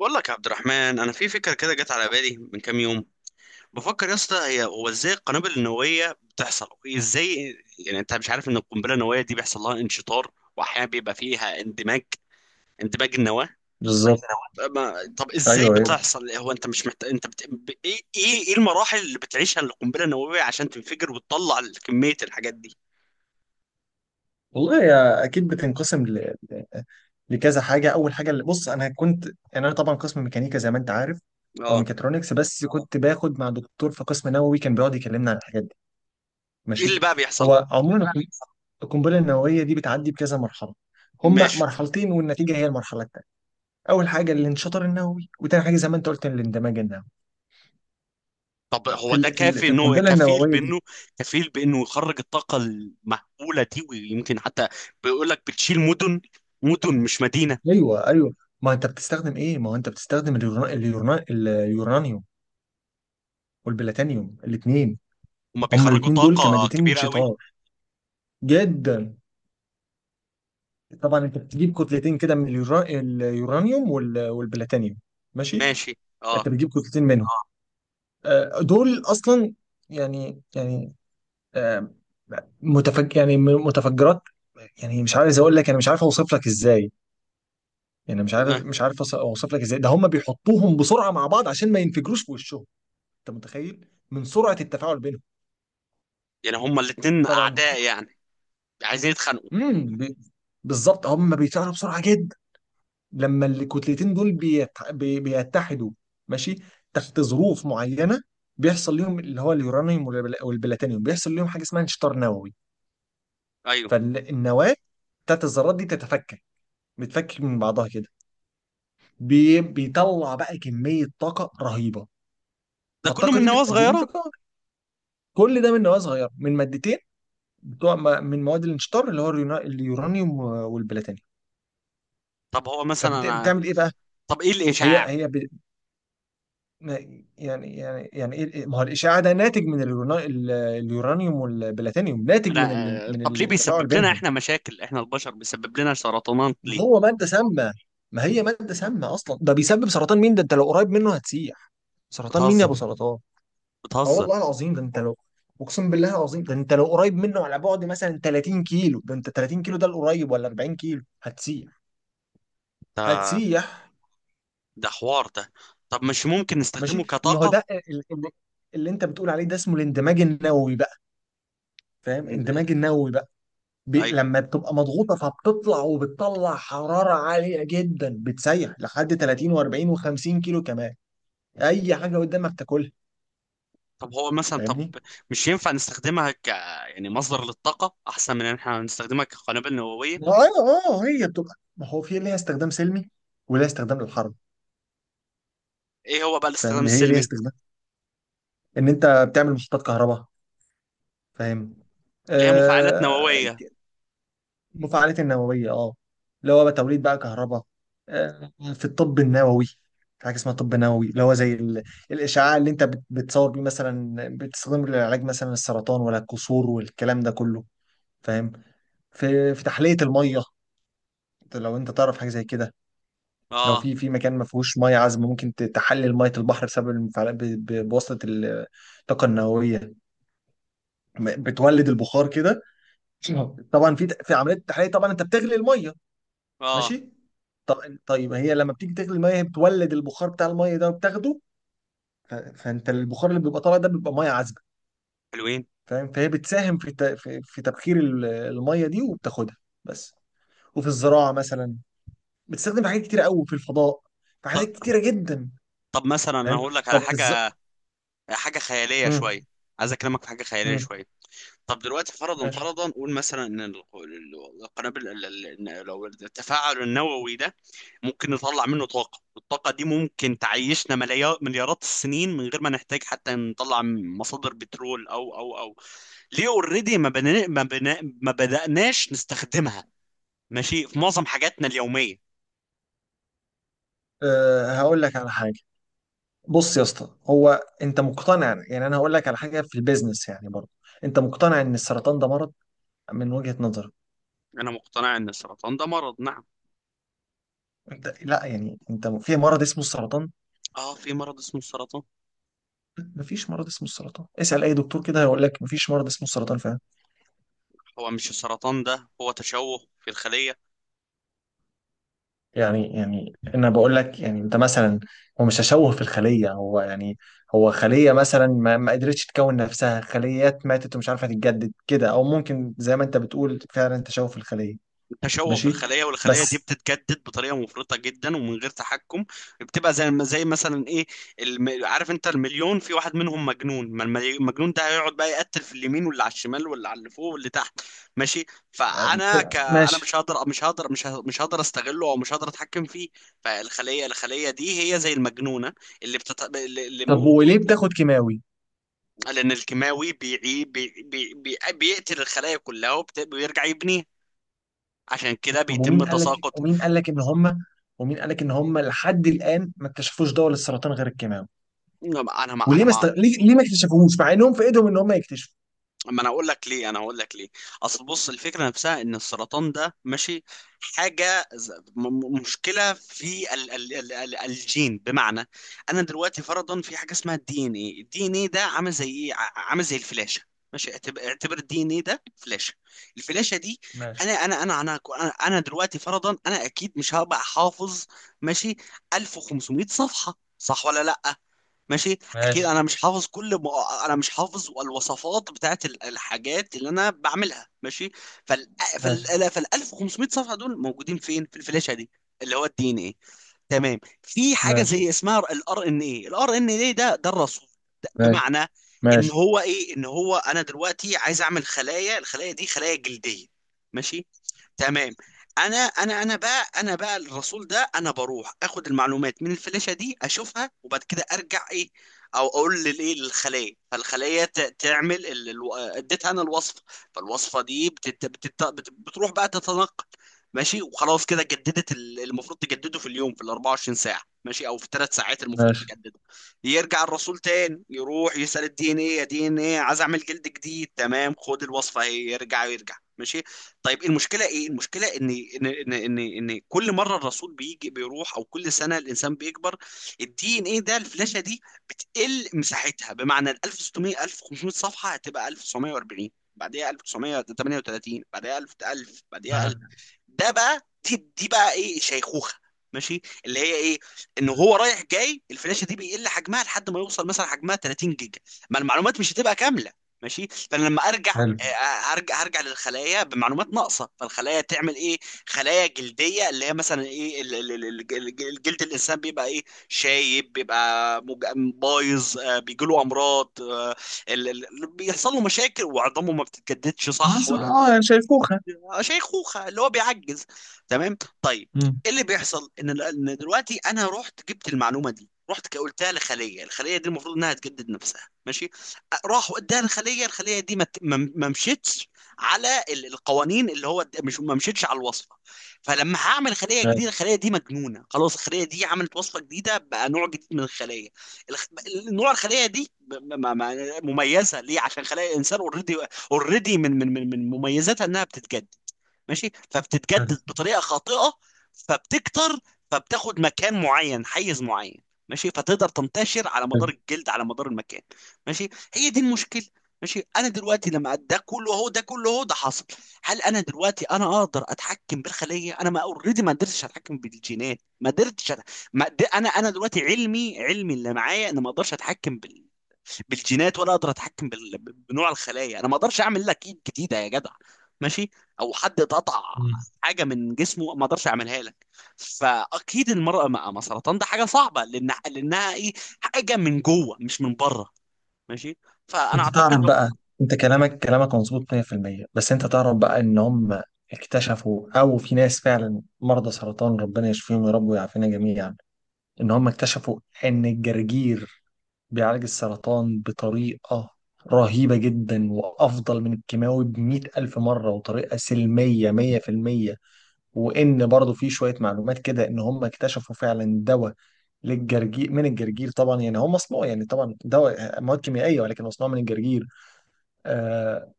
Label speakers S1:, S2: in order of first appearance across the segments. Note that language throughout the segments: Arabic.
S1: بقول لك يا عبد الرحمن، انا في فكره كده جت على بالي من كام يوم. بفكر يا اسطى، هي هو ازاي القنابل النوويه بتحصل؟ ازاي؟ يعني انت مش عارف ان القنبله النوويه دي بيحصل لها انشطار، واحيانا بيبقى فيها اندماج، اندماج النواه.
S2: بالظبط.
S1: طب ما- طب ازاي
S2: ايوه ايوه،
S1: بتحصل؟ هو انت مش محتاج انت ايه ايه إيه المراحل اللي بتعيشها القنبله النوويه عشان تنفجر وتطلع كميه الحاجات دي؟
S2: والله هي اكيد بتنقسم لكذا حاجه. اول حاجه اللي بص انا كنت، يعني انا طبعا قسم ميكانيكا زي ما انت عارف او
S1: اه.
S2: ميكاترونكس، بس كنت باخد مع دكتور في قسم نووي كان بيقعد يكلمنا عن الحاجات دي.
S1: ايه
S2: ماشي.
S1: اللي بقى بيحصل؟
S2: هو عموما القنبلة النوويه دي بتعدي بكذا مرحله. هما
S1: ماشي.
S2: مرحلتين، والنتيجه هي المرحله الثانيه. اول حاجه الانشطار النووي، وتاني حاجه زي ما انت قلت الاندماج النووي
S1: طب
S2: في
S1: هو ده
S2: ال... في ال...
S1: كافي
S2: في
S1: انه
S2: القنبله
S1: كفيل
S2: النوويه دي.
S1: بانه يخرج الطاقة المهولة دي؟ ويمكن حتى بيقول لك بتشيل مدن، مدن مش مدينة.
S2: ايوه ايوه. ما انت بتستخدم ايه؟ ما هو انت بتستخدم اليورانيوم والبلاتينيوم الاثنين.
S1: هما
S2: هما
S1: بيخرجوا
S2: الاثنين دول
S1: طاقة
S2: كمادتين
S1: كبيرة قوي.
S2: شطار جدا. طبعا انت بتجيب كتلتين كده من اليورانيوم والبلاتينيوم. ماشي.
S1: ماشي اه.
S2: انت بتجيب كتلتين منهم. اه. دول اصلا، يعني آه، متفجرات. يعني مش عايز اقول لك، انا مش عارف اوصف لك ازاي، يعني مش عارف
S1: آه.
S2: مش عارف أوص- اوصف لك ازاي. ده هم بيحطوهم بسرعه مع بعض عشان ما ينفجروش في وشهم. انت متخيل من سرعه التفاعل بينهم.
S1: يعني هما الاتنين
S2: طبعا.
S1: اعداء يعني، عايزين يتخانقوا.
S2: امم بالظبط. هم بيتفاعلوا بسرعه جدا. لما الكتلتين دول بيتحدوا، ماشي، تحت ظروف معينه بيحصل ليهم، اللي هو اليورانيوم والبلاتينيوم بيحصل ليهم حاجه اسمها انشطار نووي.
S1: ايوه.
S2: فالنواه بتاعت الذرات دي تتفكك، بتفكك من بعضها كده. بيطلع بقى كميه طاقه رهيبه.
S1: ده كله
S2: فالطاقه
S1: من
S2: دي
S1: نواة
S2: بتؤدي
S1: صغيرة؟
S2: لانفجار. كل ده من نواه صغيره، من مادتين بتوع من مواد الانشطار اللي هو اليورانيوم والبلاتينيوم.
S1: طب هو مثلا انا،
S2: فبتعمل ايه بقى؟
S1: طب ايه
S2: هي
S1: الاشعاع؟
S2: هي ما هو الاشعاع ده ناتج من اليورانيوم والبلاتينيوم، ناتج
S1: انا،
S2: من
S1: آه،
S2: من
S1: طب ليه
S2: التفاعل
S1: بيسبب لنا
S2: بينهم.
S1: احنا مشاكل؟ احنا البشر بيسبب لنا سرطانات
S2: ما
S1: ليه؟
S2: هو ماده سامه، ما هي ماده سامه اصلا. ده بيسبب سرطان مين؟ ده انت لو قريب منه هتسيح. سرطان مين يا
S1: بتهزر،
S2: ابو سرطان؟ اه
S1: بتهزر.
S2: والله العظيم، ده انت لو، اقسم بالله العظيم ده انت لو قريب منه على بعد مثلا 30 كيلو، ده انت 30 كيلو ده القريب ولا 40 كيلو، هتسيح.
S1: ده
S2: هتسيح.
S1: ده حوار ده. طب مش ممكن
S2: ماشي.
S1: نستخدمه
S2: ما هو
S1: كطاقة؟
S2: اللي انت بتقول عليه ده اسمه الاندماج النووي بقى. فاهم؟ اندماج النووي بقى.
S1: ايوه.
S2: لما بتبقى مضغوطه فبتطلع، وبتطلع حراره عاليه جدا، بتسيح لحد 30 و40 و50 كيلو كمان، اي حاجه قدامك تاكلها.
S1: طب هو مثلا، طب
S2: فاهمني؟
S1: مش ينفع نستخدمها ك، يعني مصدر للطاقة أحسن من إن إحنا نستخدمها كقنابل نووية.
S2: اه اه. هي بتبقى، ما هو في ليها استخدام سلمي وليها استخدام للحرب.
S1: إيه هو بقى الاستخدام
S2: فاهم، هي ليها
S1: السلمي؟
S2: استخدام ان انت بتعمل محطات كهرباء. فاهم.
S1: اللي هي مفاعلات
S2: آه،
S1: نووية.
S2: مفاعلات النووية اه، اللي هو بقى توليد بقى كهرباء. في الطب النووي، في حاجة اسمها طب نووي، اللي هو زي الإشعاع اللي أنت بتصور بيه مثلا، بتستخدمه للعلاج مثلا السرطان ولا الكسور والكلام ده كله. فاهم. في تحلية المية. أنت لو أنت تعرف حاجة زي كده. لو
S1: آه.
S2: في مكان ما فيهوش مية عذبة، ممكن تحلل مية البحر بسبب المفاعلات، بواسطة الطاقة النووية. بتولد البخار كده. طبعا في عملية التحلية طبعا أنت بتغلي المية.
S1: آه.
S2: ماشي. طب طيب، ما هي لما بتيجي تغلي الميه، هي بتولد البخار بتاع الميه ده وبتاخده. فانت البخار اللي بيبقى طالع ده بيبقى ميه عذبه.
S1: حلوين.
S2: فاهم. فهي بتساهم في تبخير الميه دي وبتاخدها. بس. وفي الزراعه مثلا، بتستخدم في حاجات كتير قوي، في الفضاء، في
S1: ط-
S2: حاجات كتيره جدا.
S1: طب مثلا أنا
S2: فاهم.
S1: هقول لك على
S2: طب
S1: حاجة، حاجة خيالية
S2: مم.
S1: شوية. عايز أكلمك في حاجة خيالية
S2: مم.
S1: شوية. طب دلوقتي فرضا،
S2: ماشي.
S1: فرضا، قول مثلا إن القنابل إن لو التفاعل النووي ده ممكن نطلع منه طاقة، والطاقة دي ممكن تعيشنا مليار مليارات السنين من غير ما نحتاج حتى نطلع مصادر بترول أو. ليه اوريدي ما بدأناش نستخدمها؟ ماشي في معظم حاجاتنا اليومية.
S2: أه هقول لك على حاجه. بص يا اسطى، هو انت مقتنع؟ يعني انا هقول لك على حاجه في البيزنس يعني برضه. انت مقتنع ان السرطان ده مرض، من وجهه نظرك؟
S1: أنا مقتنع إن السرطان ده مرض، نعم.
S2: انت لا، يعني انت في مرض اسمه السرطان.
S1: آه في مرض اسمه السرطان.
S2: مفيش مرض اسمه السرطان، اسأل اي دكتور كده هيقول لك مفيش مرض اسمه السرطان فعلا.
S1: هو مش السرطان ده هو تشوه في الخلية؟
S2: يعني انا بقول لك، يعني انت مثلا، هو مش تشوه في الخلية، هو يعني، هو خلية مثلا ما، ما قدرتش تكون نفسها، خليات ماتت ومش عارفة تتجدد كده، او ممكن زي ما انت بتقول فعلا تشوه في الخلية.
S1: تشوه في
S2: ماشي
S1: الخلايا، والخلايا دي
S2: بس.
S1: بتتجدد بطريقه مفرطه جدا ومن غير تحكم. بتبقى زي، زي مثلا ايه، عارف انت المليون في واحد منهم مجنون؟ ما المجنون ده هيقعد بقى يقتل في اليمين واللي على الشمال واللي على اللي فوق واللي تحت. ماشي.
S2: أم،
S1: انا
S2: ماشي.
S1: مش هقدر استغله، او مش هقدر اتحكم فيه. فالخليه، الخليه دي هي زي المجنونه، اللي بتت... اللي... اللي
S2: طب
S1: مو...
S2: وليه بتاخد كيماوي؟
S1: لان الكيماوي بيعي... بي... بي... بي... بيقتل الخلايا كلها، ويرجع يبنيها. عشان كده
S2: طب
S1: بيتم تساقط.
S2: ومين قال لك ان هم، ومين قال لك ان هم لحد الان ما اكتشفوش دواء للسرطان غير الكيماوي؟
S1: انا ما انا
S2: وليه ما
S1: ما
S2: است... ليه... ليه ما اكتشفوهوش مع انهم في ايدهم ان هم يكتشفوا؟
S1: ما انا اقول لك ليه، انا هقول لك ليه. اصل بص، الفكره نفسها ان السرطان ده، ماشي، حاجه مشكله في ال الجين. بمعنى انا دلوقتي فرضا في حاجه اسمها الدي ان ايه. الدي ان ايه ده عامل زي ايه، عامل زي الفلاشه. ماشي، اعتبر الدي ان ايه ده فلاشه. الفلاشه دي،
S2: ماشي.
S1: انا انا انا انا انا دلوقتي فرضا انا اكيد مش هبقى حافظ، ماشي، 1500 صفحه، صح ولا لا؟ ماشي. اكيد
S2: ماشي.
S1: انا مش حافظ انا مش حافظ الوصفات بتاعت الحاجات اللي انا بعملها. ماشي، فال
S2: ماشي.
S1: فال 1500 صفحه دول موجودين فين؟ في الفلاشه دي اللي هو الدي ان ايه. تمام. في حاجه
S2: ماشي.
S1: زي اسمها الار ان ايه. الار ان ايه ده الرسول. ده
S2: ماشي.
S1: بمعنى ان
S2: ماشي.
S1: هو ايه، ان هو انا دلوقتي عايز اعمل خلايا، الخلايا دي خلايا جلديه، ماشي، تمام. انا بقى الرسول ده، انا بروح اخد المعلومات من الفلاشة دي، اشوفها، وبعد كده ارجع ايه، او اقول للايه، للخلية، فالخلية تعمل اديتها انا الوصفة. فالوصفة دي بتروح بقى تتنقل. ماشي، وخلاص كده جددت، المفروض تجدده في اليوم في ال 24 ساعة، ماشي، او في الثلاث ساعات المفروض
S2: ماشي.
S1: تجدده. يرجع الرسول تاني، يروح يسأل الدي ان ايه: يا دي ان ايه، عايز اعمل جلد جديد. تمام، خد الوصفة اهي، يرجع يرجع. ماشي. طيب المشكله ايه؟ المشكله ان ان إن كل مره الرسول بيجي بيروح، او كل سنه الانسان بيكبر، الدي ان ايه ده، الفلاشه دي، بتقل مساحتها. بمعنى ال 1600، 1500 صفحه هتبقى 1940، بعديها 1938، بعديها 1000، 1000 بعديها.
S2: ماشي.
S1: ده بقى دي بقى ايه، شيخوخه. ماشي. اللي هي ايه، ان هو
S2: ماشي.
S1: رايح جاي الفلاشه دي بيقل حجمها لحد ما يوصل مثلا حجمها 30 جيجا. ما المعلومات مش هتبقى كامله. ماشي. فانا لما ارجع،
S2: حلو.
S1: آه، هرجع هرجع للخلايا بمعلومات ناقصه. فالخلايا تعمل ايه، خلايا جلديه اللي هي مثلا ايه الجلد، الانسان بيبقى ايه، شايب، بيبقى بايظ، آه، بيجيله امراض، آه، بيحصل له مشاكل وعظامه ما بتتجددش، صح
S2: خلاص
S1: ولا؟
S2: اه، يعني شايفوها.
S1: شيخوخه، اللي هو بيعجز. تمام، طيب
S2: مم.
S1: ايه اللي بيحصل، ان إن دلوقتي انا رحت جبت المعلومه دي، رحت قلتها لخليه، الخليه دي المفروض انها تجدد نفسها، ماشي، راحوا اداها لخليه، الخليه دي ما ت- ما ما مشيتش على القوانين اللي هو مش ما مشيتش على الوصفه. فلما هعمل خليه جديده،
S2: ماشي.
S1: الخليه دي مجنونه خلاص، الخليه دي عملت وصفه جديده بقى، نوع جديد من الخليه. الخ... نوع الخليه دي مميزه ليه، عشان خلايا الانسان اوريدي، اوريدي من مميزاتها انها بتتجدد، ماشي،
S2: حلو.
S1: فبتتجدد بطريقه خاطئه، فبتكتر، فبتاخد مكان معين، حيز معين، ماشي، فتقدر تنتشر على مدار
S2: حلو.
S1: الجلد، على مدار المكان. ماشي، هي دي المشكله. ماشي، انا دلوقتي لما ده كله اهو، ده كله اهو، ده حصل، هل انا دلوقتي انا اقدر اتحكم بالخليه؟ انا ما اوريدي ما قدرتش اتحكم بالجينات، ما قدرتش أت- ما قد- انا دلوقتي علمي اللي معايا، انا ما اقدرش اتحكم بال، بالجينات، ولا اقدر اتحكم بنوع الخلايا. انا ما اقدرش اعمل لك ايد جديده يا جدع، ماشي، او حد اتقطع
S2: مم.
S1: حاجه من جسمه ما اقدرش اعملها لك. فاكيد المراه مع سرطان ده حاجه صعبه، لان لانها ايه، حاجه من جوه مش من بره. ماشي، فانا
S2: انت
S1: اعتقد،
S2: تعرف بقى، انت كلامك مظبوط 100%، بس انت تعرف بقى ان هم اكتشفوا، او في ناس فعلا مرضى سرطان، ربنا يشفيهم يا رب ويعافينا جميعا، ان هم اكتشفوا ان الجرجير بيعالج السرطان بطريقة رهيبة جدا، وأفضل من الكيماوي بـ100000 مرة، وطريقة سلمية 100%. وإن برضو في شوية معلومات كده إن هم اكتشفوا فعلا دواء للجرجير، من الجرجير طبعا، يعني هو مصنوع، يعني طبعا دواء مواد كيميائية، ولكن مصنوع من الجرجير. آه،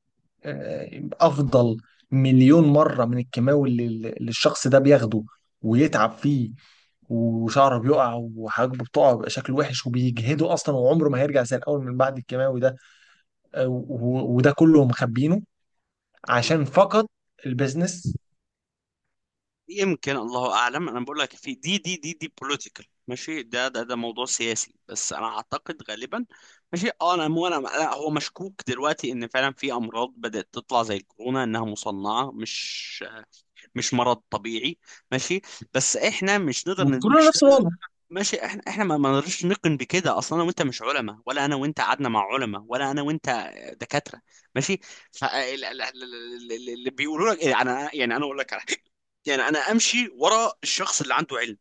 S2: أفضل 1000000 مرة من الكيماوي اللي الشخص ده بياخده، ويتعب فيه، وشعره بيقع وحاجبه بتقع، وبيبقى شكله وحش وبيجهده اصلا، وعمره ما هيرجع زي الاول من بعد الكيماوي ده. وده كله مخبينه عشان فقط البيزنس.
S1: يمكن الله اعلم، انا بقول لك في دي بوليتيكال، ماشي، ده موضوع سياسي، بس انا اعتقد غالبا. ماشي اه. انا مو انا لا، هو مشكوك دلوقتي ان فعلا في امراض بدات تطلع زي الكورونا انها مصنعه، مش مش مرض طبيعي. ماشي، بس احنا مش نقدر ن-
S2: وكلنا
S1: مش
S2: نفس
S1: ن-
S2: الوضع.
S1: ماشي، احنا ما نقدرش نقن بكده. اصلا انا وانت مش علماء، ولا انا وانت قعدنا مع علماء، ولا انا وانت دكاتره. ماشي. فاللي بيقولوا لك، يعني انا اقول لك على حاجه، يعني انا امشي ورا الشخص اللي عنده علم.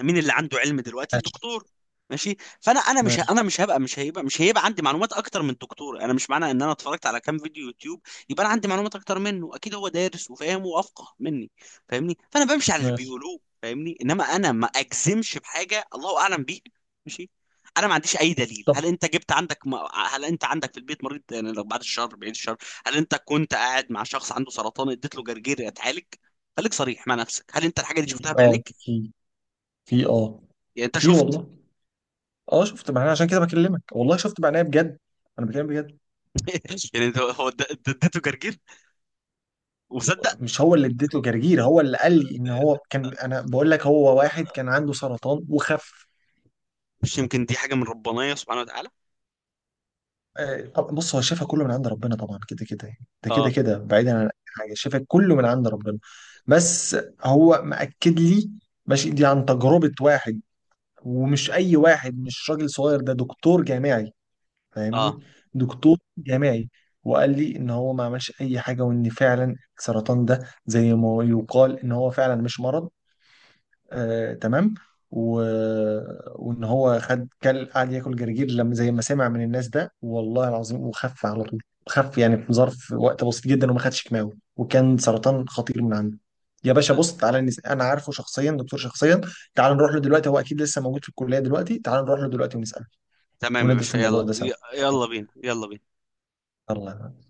S1: مين اللي عنده علم دلوقتي؟
S2: ماشي.
S1: الدكتور. ماشي. فانا انا مش ه-
S2: ماشي.
S1: انا مش هيبقى عندي معلومات اكتر من الدكتور. انا مش معنى ان انا اتفرجت على كام فيديو يوتيوب يبقى انا عندي معلومات اكتر منه. اكيد هو دارس وفاهم وافقه مني، فاهمني؟ فانا بمشي على اللي
S2: ماشي.
S1: بيقولوه، فاهمني؟ انما انا ما اجزمش بحاجه الله اعلم بيها. ماشي. انا ما عنديش اي دليل.
S2: طب
S1: هل انت جبت عندك هل انت عندك في البيت مريض يعني، لو بعد الشر، بعيد الشر؟ هل انت كنت قاعد مع شخص عنده سرطان اديت له جرجير يتعالج؟ خليك صريح مع نفسك، هل انت الحاجه دي
S2: في
S1: شفتها
S2: اه
S1: بعينيك؟
S2: في في اه
S1: يعني انت
S2: في،
S1: شفت؟
S2: والله اه، شفت معناه، عشان كده بكلمك والله، شفت معناه بجد، انا بكلم بجد.
S1: يعني ده هو اديته جرجير وصدق؟
S2: مش هو اللي اديته جرجير، هو اللي قال لي ان هو كان، انا بقول لك، هو واحد كان عنده سرطان وخف.
S1: مش يمكن دي حاجة من ربنا سبحانه وتعالى؟
S2: آه، طب بص، هو الشفاء كله من عند ربنا طبعا كده كده يعني. ده كده
S1: اه
S2: كده بعيدا عن اي حاجه، الشفاء كله من عند ربنا، بس هو مأكد لي ماشي دي عن تجربه واحد. ومش اي واحد، مش راجل صغير، ده دكتور جامعي،
S1: اه،
S2: فاهمني، دكتور جامعي. وقال لي ان هو ما عملش اي حاجه، وان فعلا السرطان ده زي ما يقال ان هو فعلا مش مرض. آه تمام. و... وان هو خد، كل قعد ياكل جرجير لما زي ما سمع من الناس ده، والله العظيم وخف على طول. خف يعني في ظرف وقت بسيط جدا، وما خدش كيماوي، وكان سرطان خطير من عنده. يا باشا
S1: آه،
S2: بص تعالى، انا عارفه شخصيا دكتور شخصيا، تعال نروح له دلوقتي، هو اكيد لسه موجود في الكليه دلوقتي، تعال نروح له دلوقتي ونساله،
S1: تمام يا
S2: وندرس
S1: باشا،
S2: الموضوع
S1: يلا
S2: ده سوا.
S1: يلا بينا، يلا بينا.
S2: يلا.